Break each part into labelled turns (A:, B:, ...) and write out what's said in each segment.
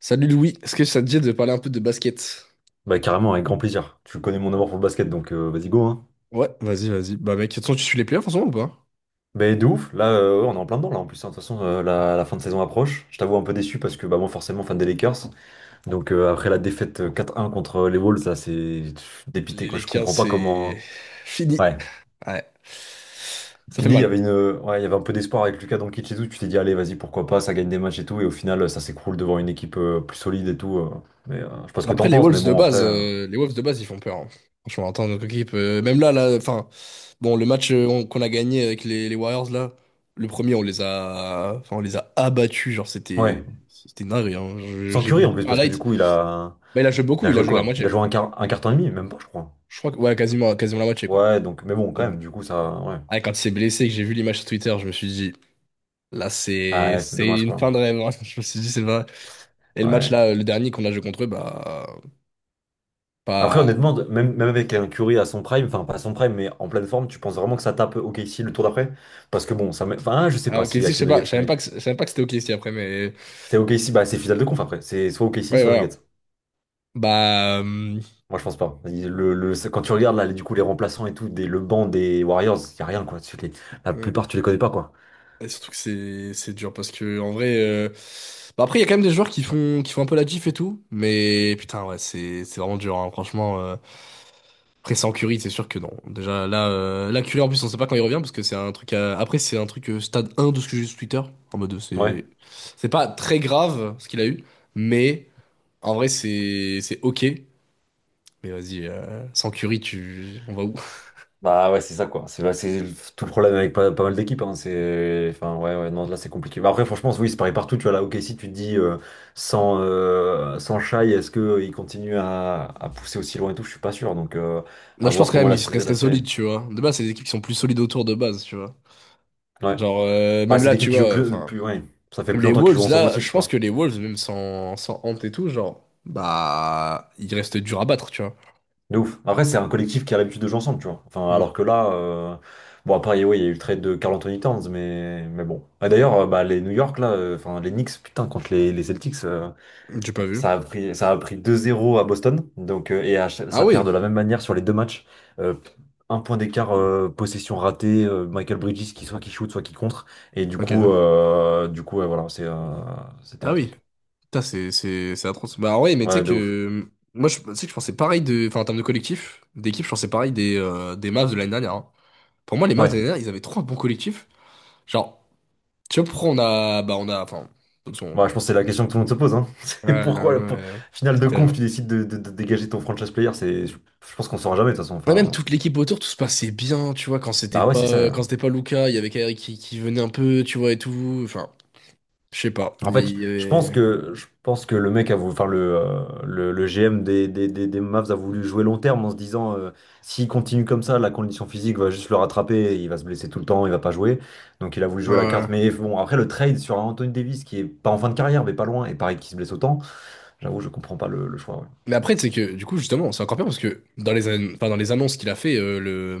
A: Salut Louis, est-ce que ça te dit de parler un peu de basket?
B: Bah carrément, avec grand plaisir. Tu connais mon amour pour le basket, donc vas-y go, hein.
A: Ouais, vas-y, vas-y. Bah mec, de toute façon, tu suis les playoffs en ce moment ou pas?
B: Mais de ouf, là ouais, on est en plein dedans là en plus, hein. De toute façon la fin de saison approche. Je t'avoue un peu déçu parce que bah moi forcément fan des Lakers. Donc après la défaite 4-1 contre les Wolves, là c'est pff, dépité
A: Les
B: quoi, je
A: Lakers,
B: comprends pas comment.
A: c'est fini.
B: Hein. Ouais.
A: Ouais, ça fait
B: Fini, il y
A: mal.
B: avait une. Ouais, il y avait un peu d'espoir avec Lucas Doncic et tout, tu t'es dit allez vas-y pourquoi pas, ça gagne des matchs et tout, et au final ça s'écroule devant une équipe plus solide et tout. Mais je sais pas ce que
A: Après,
B: t'en
A: les
B: penses, mais
A: Wolves de
B: bon après.
A: base, ils font peur, hein. Franchement, attends, notre équipe, même enfin, bon, le match qu'on a gagné avec les Warriors, là, le premier, enfin, on les a abattus. Genre,
B: Ouais.
A: c'était une dinguerie, hein.
B: Sans
A: J'ai
B: Curry
A: vu
B: en plus,
A: un
B: parce que du
A: light.
B: coup il a.
A: Bah, il a joué
B: Il
A: beaucoup,
B: a
A: il a
B: joué
A: joué la
B: quoi? Il
A: moitié.
B: a joué un quart temps et demi, même pas, je crois.
A: Je crois que, ouais, quasiment la moitié, quoi.
B: Ouais, donc, mais bon, quand
A: Donc,
B: même, du coup, ça, ouais.
A: ah, quand il s'est blessé, que j'ai vu l'image sur Twitter, je me suis dit, là,
B: Ah, ouais, c'est
A: c'est
B: dommage,
A: une
B: quoi.
A: fin de rêve, hein. Je me suis dit, c'est vrai. Et le match,
B: Ouais.
A: là, le dernier qu'on a joué contre eux, bah,
B: Après,
A: pas.
B: honnêtement, même avec un Curry à son prime, enfin, pas à son prime, mais en pleine forme, tu penses vraiment que ça tape OKC le tour d'après? Parce que bon, ça met, enfin, je sais
A: Ah,
B: pas
A: ok,
B: si
A: si, je
B: avec les
A: sais pas. Je
B: Nuggets,
A: savais même
B: mais
A: pas que, je savais même pas que c'était ok, si, après, mais.
B: c'est OKC, bah, c'est finale de conf après. C'est soit OKC,
A: Ouais,
B: soit Nuggets.
A: voilà. Bah.
B: Moi, je pense pas. Quand tu regardes, là, du coup, les remplaçants et tout, le banc des Warriors, y a rien, quoi. La
A: euh,
B: plupart, tu les connais pas, quoi.
A: Et surtout que c'est dur parce que en vrai, bah après il y a quand même des joueurs qui font un peu la diff et tout, mais putain ouais c'est vraiment dur hein, franchement. Après sans Curry c'est sûr que non, déjà là, là Curry en plus on sait pas quand il revient parce que c'est un truc après c'est un truc, stade un de ce que j'ai vu sur Twitter, en mode,
B: Ouais.
A: c'est pas très grave ce qu'il a eu, mais en vrai c'est ok, mais vas-y, sans Curry tu on va où?
B: Bah ouais, c'est ça quoi. C'est tout le problème avec pas mal d'équipes. Hein. C'est, enfin ouais, ouais, non, là c'est compliqué. Bah après, franchement, oui, c'est pareil partout. Tu vois là, ok, si tu te dis sans Shai, est-ce que il continue à pousser aussi loin et tout? Je suis pas sûr. Donc
A: Moi
B: à
A: je pense
B: voir
A: quand
B: comment
A: même il serait
B: la série.
A: solide, tu vois, de base c'est des équipes qui sont plus solides autour de base, tu vois.
B: Ouais.
A: Genre,
B: Bah,
A: même
B: c'est
A: là,
B: des équipes
A: tu
B: qui jouent
A: vois,
B: plus,
A: enfin,
B: plus, ouais. Ça fait
A: même
B: plus
A: les
B: longtemps qu'ils jouent
A: Wolves,
B: ensemble
A: là,
B: aussi,
A: je
B: tu
A: pense que
B: vois.
A: les Wolves, même sans Ant et tout, genre, bah, il reste dur à battre, tu vois.
B: De ouf. Après, c'est un collectif qui a l'habitude de jouer ensemble, tu vois. Enfin, alors
A: Hmm.
B: que là, bon après, ouais, il y a eu le trade de Carl Anthony Towns, mais bon. Et d'ailleurs, bah les New York là, enfin les Knicks, putain, contre les Celtics.
A: J'ai pas vu.
B: Ça a pris 2-0 à Boston, donc, et
A: Ah
B: ça
A: oui,
B: perd de la même manière sur les deux matchs. Euh, un point d'écart, possession ratée, Michael Bridges qui soit qui shoot, soit qui contre. Et du coup,
A: ok.
B: euh, du coup ouais, voilà, c'est, c'était
A: Ah
B: un
A: oui.
B: truc.
A: Putain, c'est atroce. Bah ouais, mais tu sais
B: Ouais, de ouf.
A: que, tu sais que je pensais pareil de, enfin, en termes de collectif, d'équipe, je pensais pareil des Mavs de l'année dernière, hein. Pour moi, les Mavs de
B: Ouais,
A: l'année dernière, ils avaient trop un bon collectif. Genre, tu vois, pourquoi on a, enfin, de toute façon,
B: ouais, je pense que c'est la question que tout le monde se pose. Hein. C'est
A: ouais, ouais,
B: pourquoi,
A: ouais.
B: finale
A: C'est
B: de conf,
A: terrible.
B: tu décides de dégager ton franchise player. C'est, je pense qu'on saura jamais de toute façon.
A: Ouais, même
B: Enfin,
A: toute l'équipe autour, tout se passait bien, tu vois,
B: bah ouais, c'est ça.
A: quand c'était pas Luca, il y avait Kairi qui venait un peu, tu vois, et tout. Enfin, je sais pas.
B: En fait,
A: Il y avait-
B: je pense que le mec a voulu, enfin le GM des Mavs a voulu jouer long terme en se disant s'il continue comme ça, la condition physique va juste le rattraper, il va se blesser tout le temps, il va pas jouer. Donc il a voulu jouer la carte.
A: Ouais.
B: Mais bon, après le trade sur un Anthony Davis qui est pas en fin de carrière, mais pas loin, et pareil qui se blesse autant, j'avoue, je comprends pas le choix. Ouais.
A: Mais après, c'est que, du coup, justement, c'est encore pire parce que dans enfin, dans les annonces qu'il a fait, le...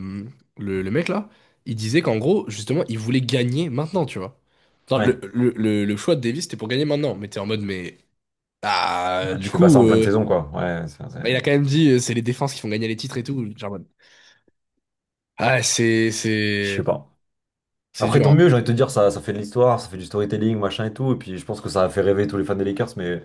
A: mec là, il disait qu'en gros, justement, il voulait gagner maintenant, tu vois. Enfin,
B: Ouais,
A: le choix de Davis, c'était pour gagner maintenant. Mais t'es en mode, mais. Ah,
B: ouais,
A: du
B: tu fais pas ça
A: coup,
B: en pleine saison, quoi. Ouais,
A: bah, il a quand même dit, c'est les défenses qui font gagner les titres et tout. Genre, en mode, ah,
B: je sais pas.
A: c'est
B: Après,
A: dur,
B: tant
A: hein.
B: mieux, j'ai envie de te dire, ça fait de l'histoire, ça fait du storytelling, machin et tout. Et puis je pense que ça a fait rêver tous les fans des Lakers, mais.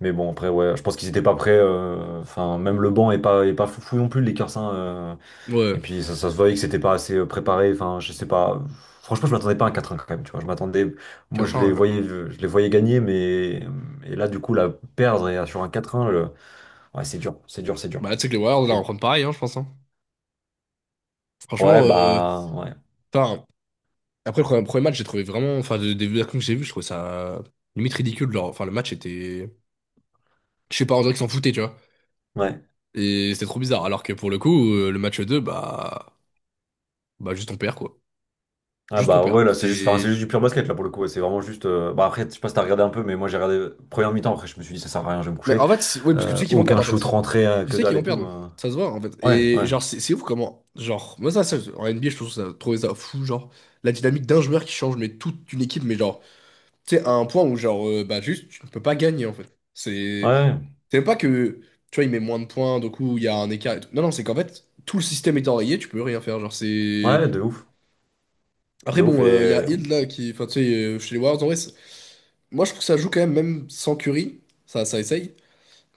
B: Mais bon, après, ouais, je pense qu'ils étaient pas prêts. Enfin, même le banc est pas fou non plus, les Lakers. Hein,
A: Ouais.
B: et puis, ça se voyait que c'était pas assez préparé. Enfin, je sais pas. Franchement, je m'attendais pas à un quatre 1 quand même. Tu vois, je m'attendais. Moi,
A: 4 ans,
B: je les voyais gagner, mais et là, du coup, la perdre et sur un quatre 1 ouais, c'est dur, c'est dur, c'est dur.
A: bah, tu sais que les Warriors, là,
B: C'est
A: on
B: dur.
A: prend pareil, hein, je pense, hein.
B: Ouais,
A: Franchement,
B: bah, ouais,
A: enfin, après le premier match, j'ai trouvé vraiment. Enfin, des versions que j'ai vues, je trouvais ça limite ridicule. Genre, enfin, le match était. Je sais pas, on dirait qu'ils s'en foutaient, tu vois.
B: ouais.
A: Et c'était trop bizarre. Alors que pour le coup, le match 2 bah. Bah, juste on perd, quoi.
B: Ah
A: Juste on
B: bah
A: perd.
B: ouais là c'est juste enfin, c'est
A: C'est.
B: juste du pur basket là pour le coup ouais, c'est vraiment juste bah après je sais pas si t'as regardé un peu mais moi j'ai regardé première mi-temps après je me suis dit ça sert à rien je vais me
A: Mais
B: coucher.
A: en fait, oui, parce que tu sais qu'ils vont perdre,
B: Aucun
A: en
B: shoot
A: fait.
B: rentré
A: Tu
B: que
A: sais qu'ils
B: dalle
A: vont
B: et tout,
A: perdre.
B: hein.
A: Ça se voit, en fait.
B: Ouais,
A: Et
B: ouais,
A: genre, c'est ouf comment. Genre, moi, en NBA, trouvé ça fou. Genre, la dynamique d'un joueur qui change, mais toute une équipe, mais genre. Tu sais, à un point où, genre, bah, juste, tu ne peux pas gagner, en fait.
B: ouais, ouais,
A: C'est même pas que, tu vois, il met moins de points, donc coup, il y a un écart et tout. Non, non, c'est qu'en fait, tout le système est enrayé, tu peux rien faire. Genre, c'est.
B: ouais, de ouf,
A: Après,
B: de ouf.
A: bon,
B: Et
A: il y a
B: euh,
A: Hill, là, qui. Enfin, tu sais, chez les Warriors, en vrai, c'est- moi, je trouve que ça joue quand même, même sans Curry. Ça essaye.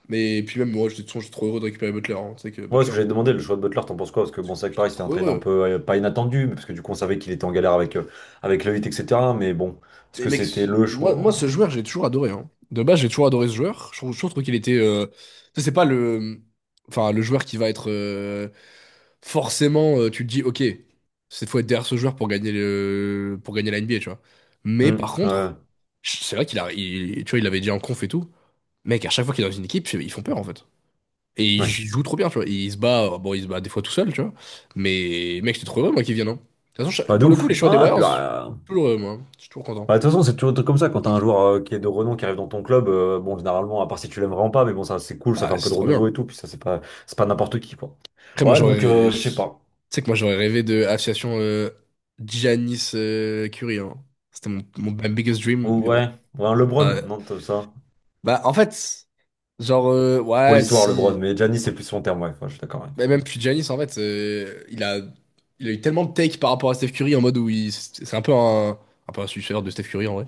A: Mais puis, même, moi, j'étais de toute façon, j'étais trop heureux de récupérer Butler, hein. Tu sais que
B: moi, ce
A: Butler,
B: que j'avais demandé, le choix de Butler, t'en penses quoi? Parce que bon, c'est vrai que
A: j'étais
B: pareil, c'était un
A: trop
B: trade un
A: heureux.
B: peu pas inattendu, mais parce que du coup, on savait qu'il était en galère avec le Heat, etc. Mais bon, est-ce
A: Mais
B: que
A: mec,
B: c'était le choix?
A: moi ce joueur, j'ai toujours adoré, hein. De base, j'ai toujours adoré ce joueur. Je trouve qu'il était. Tu sais, c'est pas le. Enfin, le joueur qui va être. Forcément, tu te dis, ok, cette fois être derrière ce joueur pour pour gagner la NBA, tu vois. Mais
B: Hmm,
A: par
B: ouais,
A: contre, c'est vrai qu'il a. Tu vois, il l'avait dit en conf et tout. Mec, à chaque fois qu'il est dans une équipe, ils font peur en fait. Et il
B: ouais,
A: joue trop bien, tu vois. Il se bat, bon, il se bat des fois tout seul, tu vois. Mais mec, j'étais trop heureux, moi, qu'il vienne, hein. De toute façon,
B: bah, de
A: pour le coup,
B: ouf.
A: les choix des
B: Ah, et puis,
A: Warriors, toujours heureux, moi, hein. Je suis toujours content.
B: bah, de toute façon, c'est toujours des trucs comme ça quand t'as un joueur qui est de renom qui arrive dans ton club. Bon, généralement, à part si tu l'aimes vraiment pas, mais bon, ça c'est cool, ça fait
A: Ah,
B: un peu
A: c'est
B: de
A: trop
B: renouveau
A: bien.
B: et tout. Puis ça, c'est pas n'importe qui, quoi.
A: Après, moi,
B: Ouais, donc,
A: j'aurais.
B: je sais pas.
A: Tu sais que moi, j'aurais rêvé de association Giannis Curie, hein. C'était mon my biggest dream, mais bon.
B: Ouais, ouais, un LeBron,
A: Euh,
B: non, t'as ça.
A: bah, en fait, genre,
B: Pour
A: ouais,
B: l'histoire, LeBron,
A: si.
B: mais Giannis, c'est plus son terme, ouais, ouais, je suis d'accord, ouais.
A: Mais même puis Giannis, en fait, il a eu tellement de take par rapport à Steph Curry en mode où il. C'est un peu un suceur de Steph Curry, en vrai.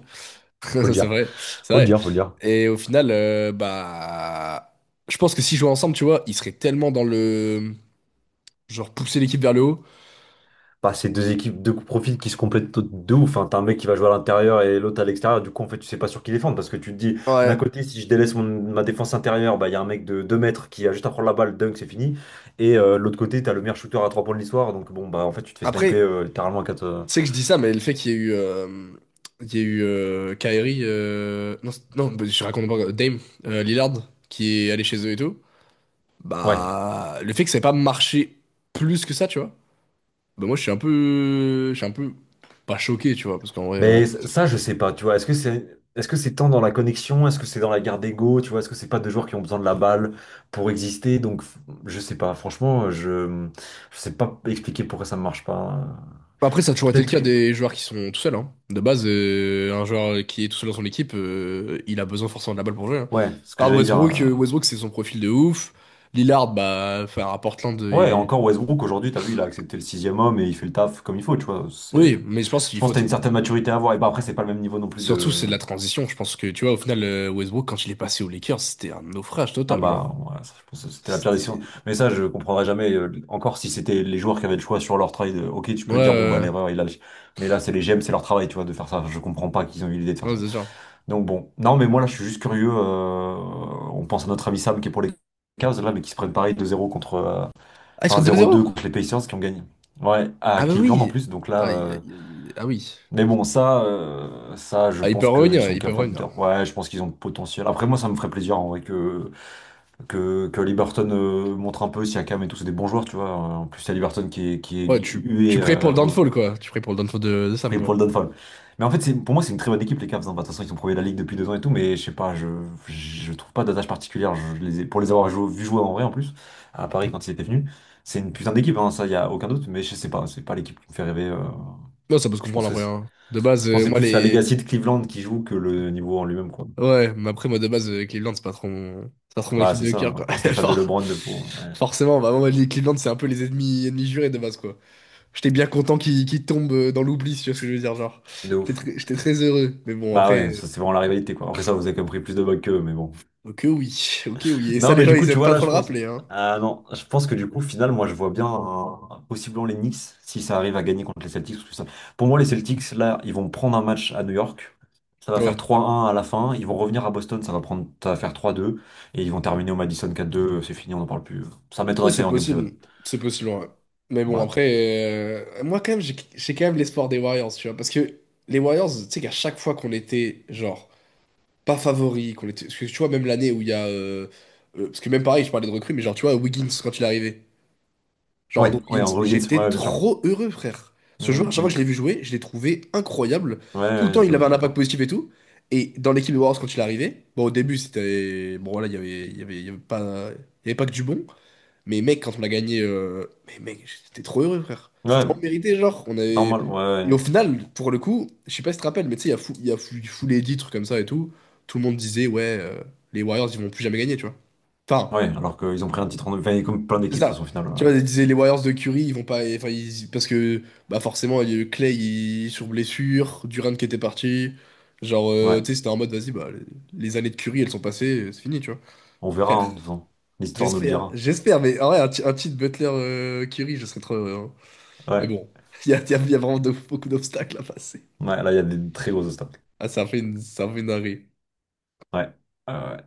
B: Faut le
A: C'est
B: dire,
A: vrai, c'est
B: faut le
A: vrai.
B: dire, faut le dire.
A: Et au final, bah. Je pense que s'ils jouaient ensemble, tu vois, ils seraient tellement dans le. Genre, pousser l'équipe vers le haut.
B: Bah, c'est deux équipes, deux profils qui se complètent de ouf. Enfin, t'as un mec qui va jouer à l'intérieur et l'autre à l'extérieur. Du coup, en fait, tu sais pas sur qui défendre parce que tu te dis, d'un
A: Ouais.
B: côté, si je délaisse ma défense intérieure, bah, il y a un mec de 2 mètres qui a juste à prendre la balle, dunk, c'est fini. Et de l'autre côté, t'as le meilleur shooter à 3 points de l'histoire. Donc, bon, bah, en fait, tu te fais sniper
A: Après,
B: littéralement à 4.
A: tu sais que je dis ça, mais le fait qu'il y ait eu, il y ait eu Kyrie, non, non, bah, je raconte pas, Dame, Lillard, qui est allé chez eux et tout,
B: Ouais.
A: bah, le fait que ça ait pas marché plus que ça, tu vois, bah moi je suis un peu, je suis un peu pas choqué, tu vois, parce qu'en vrai,
B: Mais ça, je sais pas, tu vois. Est-ce que c'est tant dans la connexion? Est-ce que c'est dans la garde d'ego? Tu vois, est-ce que c'est pas deux joueurs qui ont besoin de la balle pour exister? Donc, je sais pas. Franchement, je sais pas expliquer pourquoi ça ne marche pas.
A: après ça a toujours été le
B: Peut-être
A: cas
B: que
A: des joueurs qui sont tout seuls, hein. De base, un joueur qui est tout seul dans son équipe, il a besoin forcément de la balle pour jouer, hein.
B: ouais, ce que
A: Regarde
B: j'allais dire.
A: Westbrook, Westbrook c'est son profil de ouf, Lillard, bah, enfin, à Portland,
B: Ouais, encore Westbrook aujourd'hui, t'as vu, il a accepté le sixième homme et il fait le taf comme il faut, tu vois. C'est
A: oui, mais je pense
B: je
A: qu'il
B: pense
A: faut...
B: que t'as
A: t-
B: une certaine maturité à avoir. Et bah après, c'est pas le même niveau non plus
A: Surtout, c'est
B: de.
A: de la transition. Je pense que, tu vois, au final, Westbrook, quand il est passé aux Lakers, c'était un naufrage
B: Ah
A: total,
B: bah,
A: genre.
B: ouais, ça, je pense que c'était la pire décision.
A: C'était...
B: Mais ça, je comprendrais jamais. Encore si c'était les joueurs qui avaient le choix sur leur trade, ok, tu
A: Ouais,
B: peux te dire, bon, bah, l'erreur, il a. Mais là, c'est les GM, c'est leur travail, tu vois, de faire ça. Je comprends pas qu'ils ont eu l'idée de faire
A: ouais, ouais,
B: ça.
A: c'est genre...
B: Donc bon. Non, mais moi, là, je suis juste curieux. On pense à notre ami Sam qui est pour les Cavs, là, mais qui se prennent pareil 2 zéro contre.
A: Ah, ils sont
B: Enfin,
A: deux
B: 0-2
A: zéro.
B: contre les Pacers qui ont gagné. Ouais, à
A: Ah bah
B: Cleveland en
A: oui!
B: plus. Donc là.
A: Aïe, aïe, aïe. Ah oui.
B: Mais bon, ça, je
A: Ah, ils
B: pense
A: peuvent
B: qu'ils
A: revenir,
B: sont
A: ils peuvent
B: capables
A: revenir.
B: de. Ouais, je pense qu'ils ont le potentiel. Après, moi, ça me ferait plaisir en vrai que que Liberton montre un peu, Siakam et tout, c'est des bons joueurs, tu vois. En plus, il y a Liberton qui est
A: Ouais,
B: hué,
A: tu pries pour le downfall, quoi. Tu pries pour le downfall de
B: je
A: Sam,
B: prie
A: quoi.
B: pour le Dunfall. Mais en fait, c'est, pour moi, c'est une très bonne équipe, les Cavs. Hein. Bah, de toute façon, ils sont premiers de la ligue depuis 2 ans et tout, mais je sais pas, je trouve pas d'attache particulière. Pour les avoir vu jouer en vrai, en plus, à Paris quand ils étaient venus, c'est une putain d'équipe, hein, ça, il y a aucun doute, mais je sais pas, c'est pas l'équipe qui me fait rêver.
A: Non, ça peut se
B: Je
A: comprendre,
B: pense que
A: après,
B: c'est,
A: hein. De base,
B: je pense que c'est
A: moi,
B: plus la
A: les...
B: legacy de Cleveland qui joue que le niveau en lui-même, quoi.
A: Ouais, mais après, moi, de base, Cleveland, c'est pas trop mon... c'est pas trop mon
B: Bah,
A: équipe
B: c'est
A: de
B: ça,
A: cœur,
B: hein. À
A: quoi.
B: part Stéphane de
A: Genre,
B: LeBron de fou, hein. Ouais,
A: forcément, bah, moi, les Cleveland, c'est un peu ennemis jurés, de base, quoi. J'étais bien content qu'il tombe, dans l'oubli, si tu vois ce que je veux dire, genre.
B: de ouf.
A: J'étais très heureux. Mais bon,
B: Bah
A: après,
B: ouais, ça, c'est vraiment la rivalité, quoi. Après ça, vous avez quand même pris plus de bugs qu'eux, mais bon.
A: ok oui, ok oui. Et ça,
B: Non,
A: les
B: mais
A: gens,
B: du coup,
A: ils
B: tu
A: aiment
B: vois,
A: pas
B: là,
A: trop
B: je
A: le
B: pense...
A: rappeler, hein.
B: Ah non, je pense que du coup, au final, moi, je vois bien possiblement les Knicks, si ça arrive à gagner contre les Celtics, pour moi, les Celtics, là, ils vont prendre un match à New York. Ça va faire
A: Ouais.
B: 3-1 à la fin. Ils vont revenir à Boston, ça va faire 3-2. Et ils vont terminer au Madison 4-2. C'est fini, on n'en parle plus. Ça
A: Oh,
B: m'étonnerait que ça
A: c'est
B: aille en Game 7.
A: possible. C'est possible, ouais. Mais bon,
B: Ouais.
A: après, moi, quand même, j'ai quand même l'espoir des Warriors, tu vois. Parce que les Warriors, tu sais qu'à chaque fois qu'on était, genre, pas favoris, qu'on était... Parce que tu vois, même l'année où il y a... parce que même pareil, je parlais de recrues, mais genre, tu vois, Wiggins, quand il est arrivé. Genre
B: Ouais,
A: Andrew
B: ouais,
A: Wiggins,
B: Andrew Wiggins, ouais,
A: j'étais
B: ouais, bien sûr.
A: trop heureux, frère. Ce joueur,
B: Hum,
A: chaque fois que je l'ai
B: hum.
A: vu jouer, je l'ai trouvé incroyable.
B: Ouais,
A: Tout le
B: ouais,
A: temps,
B: je
A: il
B: te
A: avait
B: vois,
A: un impact
B: d'accord.
A: positif et tout. Et dans l'équipe de Warriors, quand il est arrivé, bon, au début, c'était. Bon, voilà, il y avait pas... il y avait pas que du bon. Mais mec, quand on a gagné. Mais mec, j'étais trop heureux, frère.
B: Ouais,
A: C'était en mérité, genre. On avait...
B: normal, ouais,
A: Et au
B: ouais.
A: final, pour le coup, je sais pas si tu te rappelles, mais tu sais, il y a fou, fou les titres comme ça et tout. Tout le monde disait, ouais, les Warriors, ils vont plus jamais gagner, tu vois. Enfin,
B: Ouais, alors qu'ils ont pris un titre en... Enfin, comme plein
A: c'est
B: d'équipes, de toute
A: ça.
B: façon, au final.
A: Tu vois, les Warriors de Curry, ils vont pas. Enfin, ils- parce que bah forcément, il y a eu Clay il- sur blessure, Durant qui était parti. Genre,
B: Ouais,
A: tu sais, c'était en mode, vas-y, bah, les années de Curry, elles sont passées, c'est fini, tu vois.
B: on verra, hein,
A: Frère,
B: de toute façon. L'histoire nous le
A: j'espère,
B: dira.
A: j'espère, mais en vrai, ti- un titre Butler Curry, je serais trop heureux, hein. Mais
B: Ouais,
A: bon, il y a vraiment de- beaucoup d'obstacles à passer.
B: ouais, là, il y a des très gros obstacles.
A: Ah, ça a fait une, ça a fait une dinguerie.
B: Ouais. Euh,